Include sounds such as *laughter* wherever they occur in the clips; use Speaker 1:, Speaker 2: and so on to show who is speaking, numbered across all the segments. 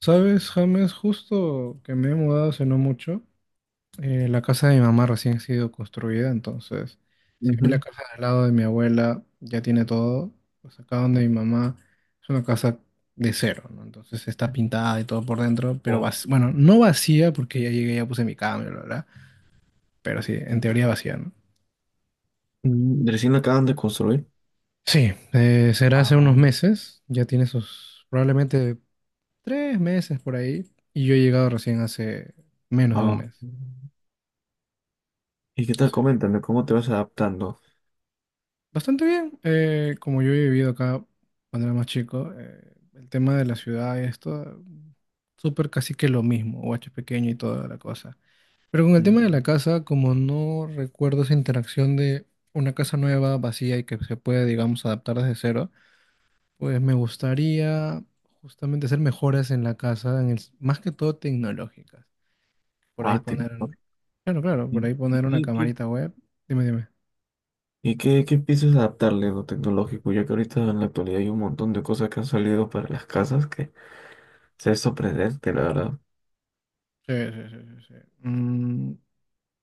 Speaker 1: Sabes, James, justo que me he mudado hace no mucho, la casa de mi mamá recién ha sido construida, entonces, si bien la
Speaker 2: Ujú.
Speaker 1: casa al lado de mi abuela ya tiene todo, pues acá donde mi mamá es una casa de cero, ¿no? Entonces está pintada y todo por dentro, pero
Speaker 2: Wow.
Speaker 1: bueno, no vacía porque ya llegué, ya puse mi cama, bla, bla, bla, pero sí, en teoría vacía, ¿no?
Speaker 2: Recién lo acaban de construir.
Speaker 1: Sí, Será hace
Speaker 2: Ah,
Speaker 1: unos meses, ya tiene sus probablemente 3 meses por ahí, y yo he llegado recién hace menos de un
Speaker 2: ah.
Speaker 1: mes.
Speaker 2: ¿Y qué tal?
Speaker 1: Sí.
Speaker 2: Coméntame, ¿cómo te vas adaptando?
Speaker 1: Bastante bien. Como yo he vivido acá cuando era más chico, el tema de la ciudad y esto, súper casi que lo mismo, guacho pequeño y toda la cosa. Pero con el
Speaker 2: Mm.
Speaker 1: tema de la casa, como no recuerdo esa interacción de una casa nueva, vacía y que se puede, digamos, adaptar desde cero, pues me gustaría justamente hacer mejoras en la casa, en el, más que todo tecnológicas. Por ahí
Speaker 2: Ah,
Speaker 1: poner,
Speaker 2: tecnológico.
Speaker 1: claro, claro, por
Speaker 2: ¿Y,
Speaker 1: ahí
Speaker 2: y-
Speaker 1: poner una
Speaker 2: y-
Speaker 1: camarita web. Dime, dime.
Speaker 2: y qué piensas adaptarle lo tecnológico? Ya que ahorita en la actualidad hay un montón de cosas que han salido para las casas que se es sorprendente, la verdad.
Speaker 1: Sí, sí, sí, sí, sí. Mm,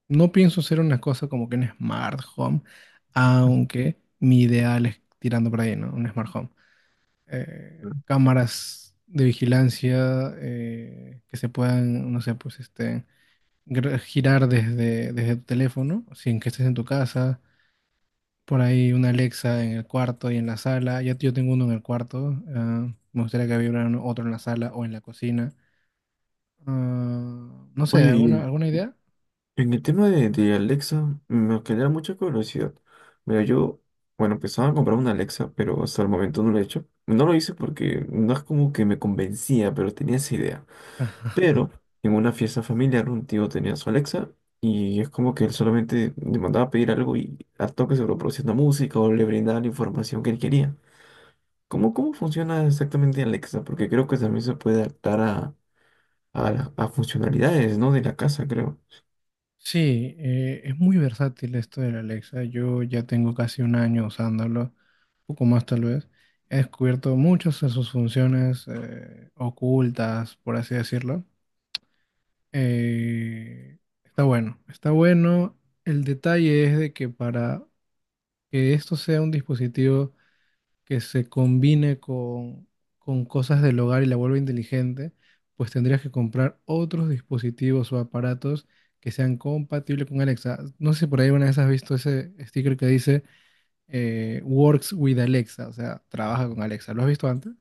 Speaker 1: No pienso hacer una cosa como que un smart home, aunque mi ideal es tirando por ahí, ¿no? Un smart home. Cámaras de vigilancia que se puedan, no sé, pues este, girar desde tu teléfono, sin que estés en tu casa. Por ahí una Alexa en el cuarto y en la sala. Ya yo tengo uno en el cuarto. Me gustaría que hubiera otro en la sala o en la cocina. Ah, no sé,
Speaker 2: Oye,
Speaker 1: ¿alguna,
Speaker 2: y
Speaker 1: alguna idea?
Speaker 2: en el tema de Alexa, me genera mucha curiosidad. Mira, yo, bueno, pensaba en comprar una Alexa, pero hasta el momento no lo he hecho. No lo hice porque no es como que me convencía, pero tenía esa idea. Pero en una fiesta familiar, un tío tenía su Alexa y es como que él solamente le mandaba a pedir algo y al toque se lo producía una música o le brindaba la información que él quería. ¿Cómo funciona exactamente Alexa? Porque creo que también se puede adaptar a funcionalidades, ¿no? De la casa, creo.
Speaker 1: Sí, es muy versátil esto de la Alexa. Yo ya tengo casi un año usándolo, un poco más tal vez. He descubierto muchas de sus funciones ocultas, por así decirlo. Está bueno, está bueno. El detalle es de que para que esto sea un dispositivo que se combine con cosas del hogar y la vuelva inteligente, pues tendrías que comprar otros dispositivos o aparatos que sean compatibles con Alexa. No sé si por ahí una vez has visto ese sticker que dice Works with Alexa, o sea, trabaja con Alexa. ¿Lo has visto antes?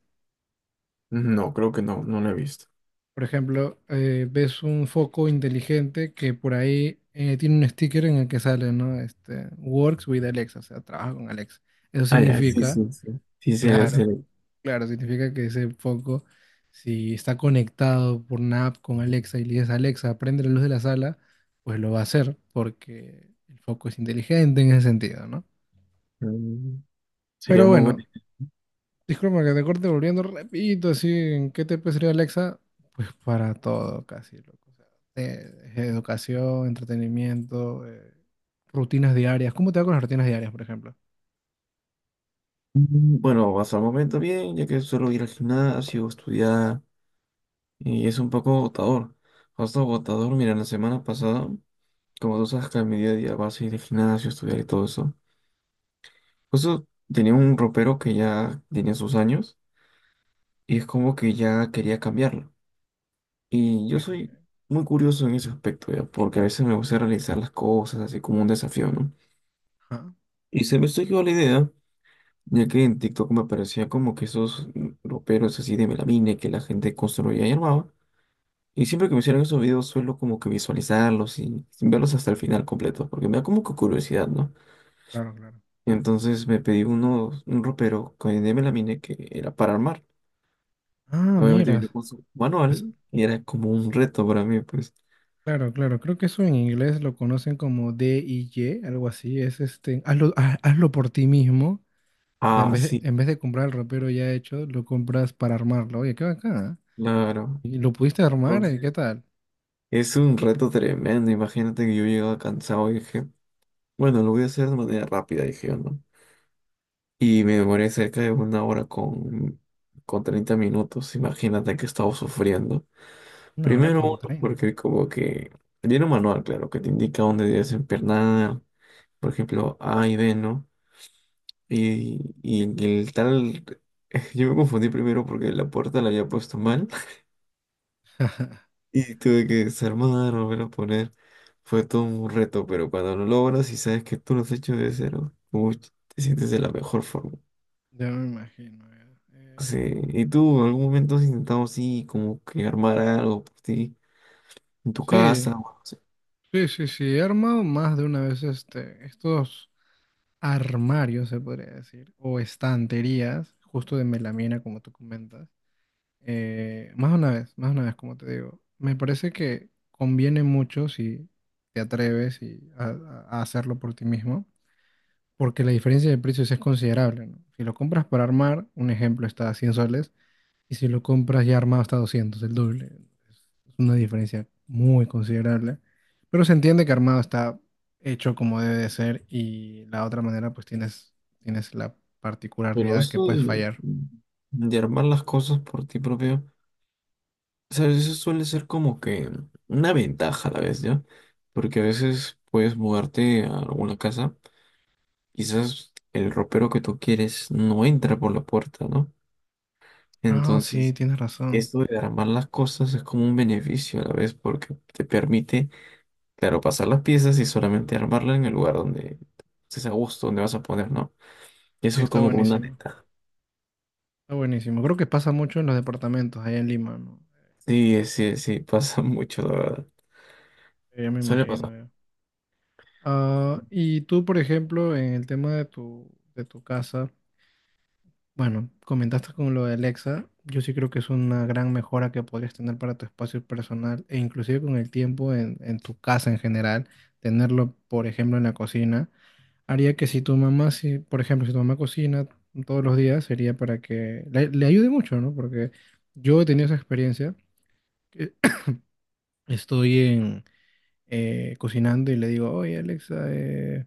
Speaker 2: No, creo que no, no lo he visto.
Speaker 1: Por ejemplo, ves un foco inteligente que por ahí tiene un sticker en el que sale, ¿no? Este, Works with Alexa, o sea, trabaja con Alexa. Eso
Speaker 2: Ah, ya, sí,
Speaker 1: significa,
Speaker 2: sí, sí. Sí,
Speaker 1: claro, claro, significa que ese foco, si está conectado por una app con Alexa y le dices, Alexa, prende la luz de la sala, pues lo va a hacer porque el foco es inteligente en ese sentido, ¿no?
Speaker 2: mm, sería
Speaker 1: Pero
Speaker 2: muy bueno.
Speaker 1: bueno, disculpa que te corte volviendo repito, así, ¿en qué te puede servir Alexa? Pues para todo, casi, loco. O sea, educación, entretenimiento, rutinas diarias. ¿Cómo te va con las rutinas diarias, por ejemplo?
Speaker 2: Bueno, hasta el momento bien, ya que suelo ir al gimnasio, estudiar, y es un poco agotador. Hasta agotador, mira, la semana pasada, como tú sabes que a mi día a día vas a ir al gimnasio, estudiar y todo eso. Justo tenía un ropero que ya tenía sus años, y es como que ya quería cambiarlo. Y
Speaker 1: Ok,
Speaker 2: yo soy
Speaker 1: ok.
Speaker 2: muy curioso en ese aspecto, ya, porque a veces me gusta realizar las cosas así como un desafío, ¿no?
Speaker 1: Ah,
Speaker 2: Y se me surgió la idea. Ya que en TikTok me aparecía como que esos roperos así de melamine que la gente construía y armaba. Y siempre que me hicieron esos videos suelo como que visualizarlos y sin verlos hasta el final completo, porque me da como que curiosidad, ¿no?
Speaker 1: claro, claro.
Speaker 2: Entonces me pedí uno, un ropero de melamine que era para armar.
Speaker 1: Ah,
Speaker 2: Obviamente
Speaker 1: mira.
Speaker 2: vino con su manual y era como un reto para mí, pues.
Speaker 1: Claro, claro, creo que eso en inglés lo conocen como DIY, algo así, es este, hazlo, hazlo por ti mismo. O sea, en
Speaker 2: Ah,
Speaker 1: vez de,
Speaker 2: sí,
Speaker 1: en vez de comprar el ropero ya hecho, lo compras para armarlo, oye, qué bacán, ¿ah?
Speaker 2: claro.
Speaker 1: ¿Y lo pudiste armar?
Speaker 2: Entonces
Speaker 1: ¿Qué tal?
Speaker 2: es un reto tremendo. Imagínate que yo llegaba cansado y dije, bueno, lo voy a hacer de manera rápida, dije yo, ¿no? Y me demoré cerca de una hora con 30 minutos. Imagínate que estaba sufriendo.
Speaker 1: Una hora
Speaker 2: Primero
Speaker 1: con
Speaker 2: uno,
Speaker 1: treinta,
Speaker 2: porque como que viene un manual, claro, que te indica dónde debes empernar. Por ejemplo, A y B, ¿no? Y el tal... *laughs* Yo me confundí primero porque la puerta la había puesto mal. *laughs* Y tuve que desarmar, volver a poner. Fue todo un reto, pero cuando lo logras y sabes que tú lo has hecho de cero, uy, te sientes de la mejor forma.
Speaker 1: ya me imagino, ya.
Speaker 2: Sí,
Speaker 1: Eh,
Speaker 2: ¿y tú en algún momento has intentado así como que armar algo por ti en tu casa?
Speaker 1: sí,
Speaker 2: ¿O algo así?
Speaker 1: sí, sí, sí, he armado más de una vez este, estos armarios, se podría decir, o estanterías, justo de melamina, como tú comentas. Más una vez, más una vez, como te digo. Me parece que conviene mucho si te atreves y a hacerlo por ti mismo, porque la diferencia de precios es considerable, ¿no? Si lo compras para armar, un ejemplo está a 100 soles, y si lo compras ya armado está a 200, el doble. Es una diferencia muy considerable, pero se entiende que armado está hecho como debe de ser y la otra manera pues tienes, tienes la
Speaker 2: Pero
Speaker 1: particularidad que
Speaker 2: esto
Speaker 1: puedes
Speaker 2: de,
Speaker 1: fallar.
Speaker 2: de armar las cosas por ti propio, ¿sabes? Eso suele ser como que una ventaja a la vez, ¿ya? Porque a veces puedes mudarte a alguna casa, quizás el ropero que tú quieres no entra por la puerta, ¿no?
Speaker 1: Ah, sí,
Speaker 2: Entonces,
Speaker 1: tienes razón.
Speaker 2: esto de armar las cosas es como un beneficio a la vez porque te permite, claro, pasar las piezas y solamente armarla en el lugar donde estés a gusto, donde vas a poner, ¿no? Y
Speaker 1: Sí,
Speaker 2: eso es
Speaker 1: está
Speaker 2: como una
Speaker 1: buenísimo.
Speaker 2: ventaja.
Speaker 1: Está buenísimo. Creo que pasa mucho en los departamentos allá en Lima, ¿no?
Speaker 2: Sí, sí, sí, *laughs* pasa mucho, la verdad.
Speaker 1: Ya me
Speaker 2: Suele
Speaker 1: imagino,
Speaker 2: pasar.
Speaker 1: ya. Ah, y tú, por ejemplo, en el tema de tu casa, bueno, comentaste con lo de Alexa, yo sí creo que es una gran mejora que podrías tener para tu espacio personal e inclusive con el tiempo en tu casa en general, tenerlo, por ejemplo, en la cocina, haría que si tu mamá, si, por ejemplo, si tu mamá cocina todos los días, sería para que le ayude mucho, ¿no? Porque yo he tenido esa experiencia. Que *clears throat* estoy cocinando y le digo, oye Alexa,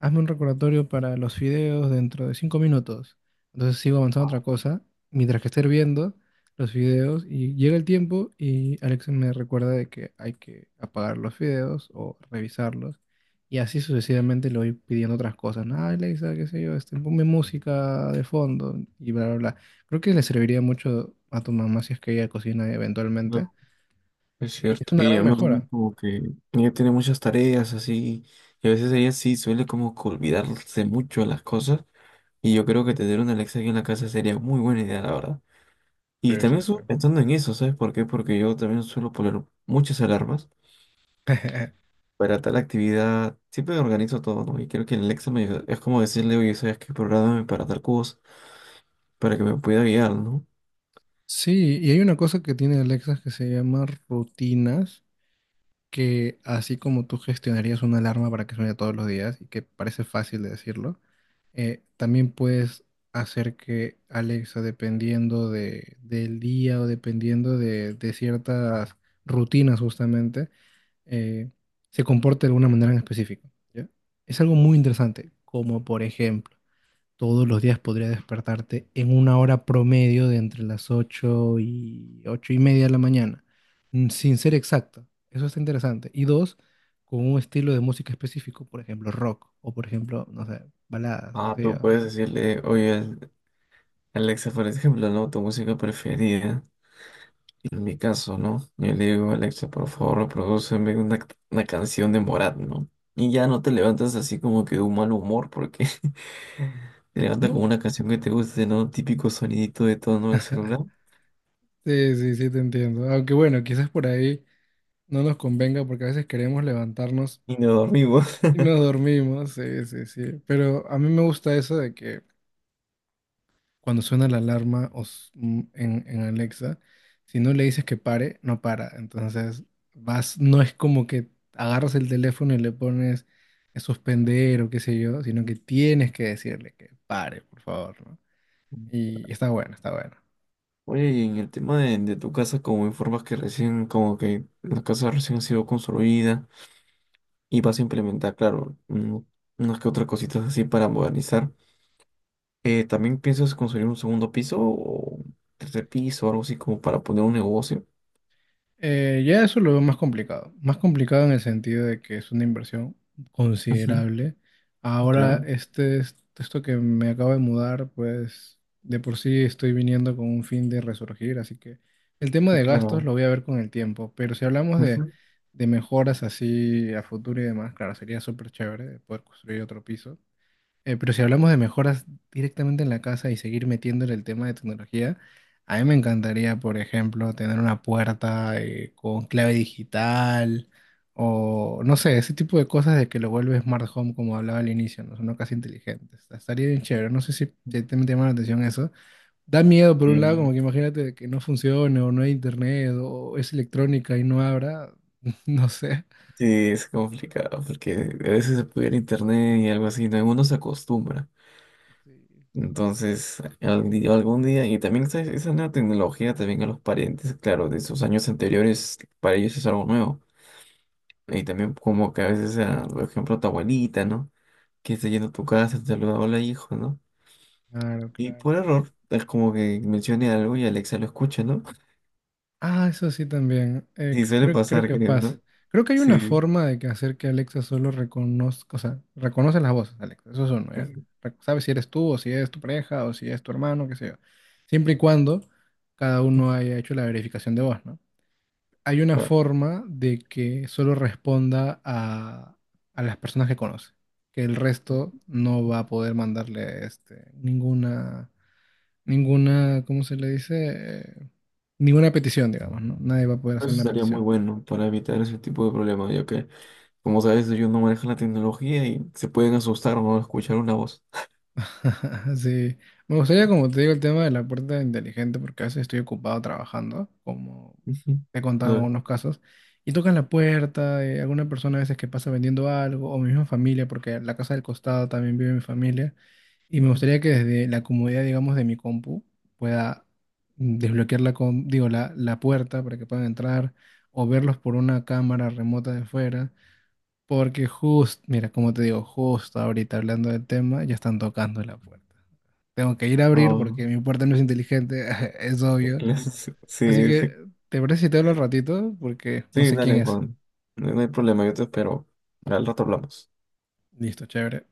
Speaker 1: hazme un recordatorio para los fideos dentro de 5 minutos. Entonces sigo avanzando a otra cosa mientras que esté hirviendo los fideos y llega el tiempo y Alexa me recuerda de que hay que apagar los fideos o revisarlos. Y así sucesivamente le voy pidiendo otras cosas, ¿no? "Ah, Alexa, qué sé yo, este, ponme música de fondo y bla, bla, bla". Creo que le serviría mucho a tu mamá si es que ella cocina eventualmente.
Speaker 2: No, es
Speaker 1: Y es
Speaker 2: cierto.
Speaker 1: una
Speaker 2: Y
Speaker 1: gran
Speaker 2: además también
Speaker 1: mejora.
Speaker 2: como que ella tiene muchas tareas así, y a veces ella sí suele como que olvidarse mucho de las cosas, y yo creo que tener una Alexa aquí en la casa sería muy buena idea, la verdad. Y
Speaker 1: Sí, sí,
Speaker 2: también
Speaker 1: sí.
Speaker 2: estuve pensando en eso, ¿sabes por qué? Porque yo también suelo poner muchas alarmas.
Speaker 1: *laughs*
Speaker 2: Para tal actividad, siempre organizo todo, ¿no? Y creo que el Alexa me ayuda. Es como decirle, oye, ¿sabes qué? Programa para tal cosa, para que me pueda guiar, ¿no?
Speaker 1: Sí, y hay una cosa que tiene Alexa que se llama rutinas, que así como tú gestionarías una alarma para que suene todos los días, y que parece fácil de decirlo, también puedes hacer que Alexa, dependiendo del día o dependiendo de ciertas rutinas justamente, eh, se comporte de alguna manera en específico, ¿ya? Es algo muy interesante, como por ejemplo, todos los días podría despertarte en una hora promedio de entre las 8 y 8:30 de la mañana, sin ser exacto. Eso está interesante. Y dos, con un estilo de música específico, por ejemplo, rock o por ejemplo, no sé, baladas, qué
Speaker 2: Ah,
Speaker 1: sé yo,
Speaker 2: tú puedes
Speaker 1: ¿no?
Speaker 2: decirle, oye, Alexa, por ejemplo, ¿no? Tu música preferida. En mi caso, ¿no? Yo le digo, Alexa, por favor, reprodúceme una canción de Morat, ¿no? Y ya no te levantas así como que de un mal humor, porque *laughs* te levantas
Speaker 1: No,
Speaker 2: con una canción que te guste, ¿no? Típico sonidito de tono del celular.
Speaker 1: *laughs* sí, sí, sí, te entiendo. Aunque bueno, quizás por ahí no nos convenga porque a veces queremos levantarnos
Speaker 2: Y nos dormimos.
Speaker 1: y nos dormimos. Sí, sí, sí. Pero a mí me gusta eso de que cuando suena la alarma en, Alexa, si no le dices que pare, no para. Entonces, vas, no es como que agarras el teléfono y le pones a suspender o qué sé yo, sino que tienes que decirle que pare, por favor, ¿no?
Speaker 2: *laughs*
Speaker 1: Y está bueno, está bueno.
Speaker 2: Oye, y en el tema de, tu casa, como informas que recién, como que la casa recién ha sido construida y vas a implementar, claro, unas que otras cositas así para modernizar, ¿también piensas construir un segundo piso o tercer piso, algo así como para poner un negocio?
Speaker 1: Ya eso lo veo más complicado. Más complicado en el sentido de que es una inversión
Speaker 2: Ujú.
Speaker 1: considerable. Ahora,
Speaker 2: Claro,
Speaker 1: este, esto que me acabo de mudar, pues de por sí estoy viniendo con un fin de resurgir, así que el tema de gastos
Speaker 2: claro.
Speaker 1: lo voy a ver con el tiempo. Pero si hablamos
Speaker 2: Ujú.
Speaker 1: de mejoras así a futuro y demás, claro, sería súper chévere poder construir otro piso. Pero si hablamos de mejoras directamente en la casa y seguir metiéndole el tema de tecnología, a mí me encantaría, por ejemplo, tener una puerta con clave digital o no sé, ese tipo de cosas de que lo vuelve Smart Home, como hablaba al inicio, ¿no? Son una casa inteligente. Estaría bien chévere. No sé si te, te llama la atención eso. Da miedo, por un lado, como
Speaker 2: Bien.
Speaker 1: que imagínate que no funcione o no hay internet o es electrónica y no habrá. *laughs* No sé.
Speaker 2: Sí, es complicado porque a veces se puede ir a internet y algo así, no, uno se acostumbra.
Speaker 1: Sí.
Speaker 2: Entonces, algún día, y también esa nueva tecnología también a los parientes, claro, de sus años anteriores, para ellos es algo nuevo. Y también como que a veces, ah, por ejemplo, tu abuelita, ¿no? Que está yendo a tu casa, te saluda, hola hijo, ¿no?
Speaker 1: Claro,
Speaker 2: Y por
Speaker 1: claro, claro.
Speaker 2: error, es como que mencione algo y Alexa lo escucha, ¿no? *laughs*
Speaker 1: Ah, eso sí también. Eh,
Speaker 2: Sí, suele
Speaker 1: creo, creo
Speaker 2: pasar,
Speaker 1: que
Speaker 2: creo,
Speaker 1: pasa.
Speaker 2: ¿no?
Speaker 1: Creo que hay una
Speaker 2: Sí.
Speaker 1: forma de que hacer que Alexa solo reconozca, o sea, reconoce las voces, Alexa. Eso es uno,
Speaker 2: *laughs*
Speaker 1: ¿ya?
Speaker 2: Ujú.
Speaker 1: Sabe si eres tú, o si es tu pareja, o si es tu hermano, qué sé yo. Siempre y cuando cada uno haya hecho la verificación de voz, ¿no? Hay una
Speaker 2: Ah.
Speaker 1: forma de que solo responda a las personas que conoce, que el resto no va a poder mandarle este, ninguna, ¿cómo se le dice? Ninguna petición, digamos, ¿no? Nadie va a poder hacer
Speaker 2: Eso
Speaker 1: una
Speaker 2: estaría muy
Speaker 1: petición.
Speaker 2: bueno para evitar ese tipo de problemas, ya que, como sabes, ellos no manejan la tecnología y se pueden asustar o no escuchar una voz.
Speaker 1: *laughs* Sí. Me gustaría, como te digo, el tema de la puerta inteligente, porque a veces estoy ocupado trabajando, como
Speaker 2: *laughs* Ujú.
Speaker 1: te he contado en
Speaker 2: Claro.
Speaker 1: algunos casos, y tocan la puerta, alguna persona a veces que pasa vendiendo algo, o mi misma familia, porque en la casa del costado también vive mi familia. Y me gustaría que desde la comodidad, digamos, de mi compu pueda, desbloquear la, digo, la puerta para que puedan entrar o verlos por una cámara remota de fuera. Porque justo, mira, como te digo, justo ahorita hablando del tema, ya están tocando la puerta. Tengo que ir a abrir porque
Speaker 2: Oh,
Speaker 1: mi puerta no es inteligente, *laughs* es obvio.
Speaker 2: claro, *laughs*
Speaker 1: Así
Speaker 2: sí,
Speaker 1: que,
Speaker 2: sí,
Speaker 1: ¿te parece si te hablo al ratito? Porque no
Speaker 2: sí,
Speaker 1: sé quién
Speaker 2: dale,
Speaker 1: es.
Speaker 2: Juan. No hay problema, yo te espero. Al rato hablamos.
Speaker 1: Listo, chévere.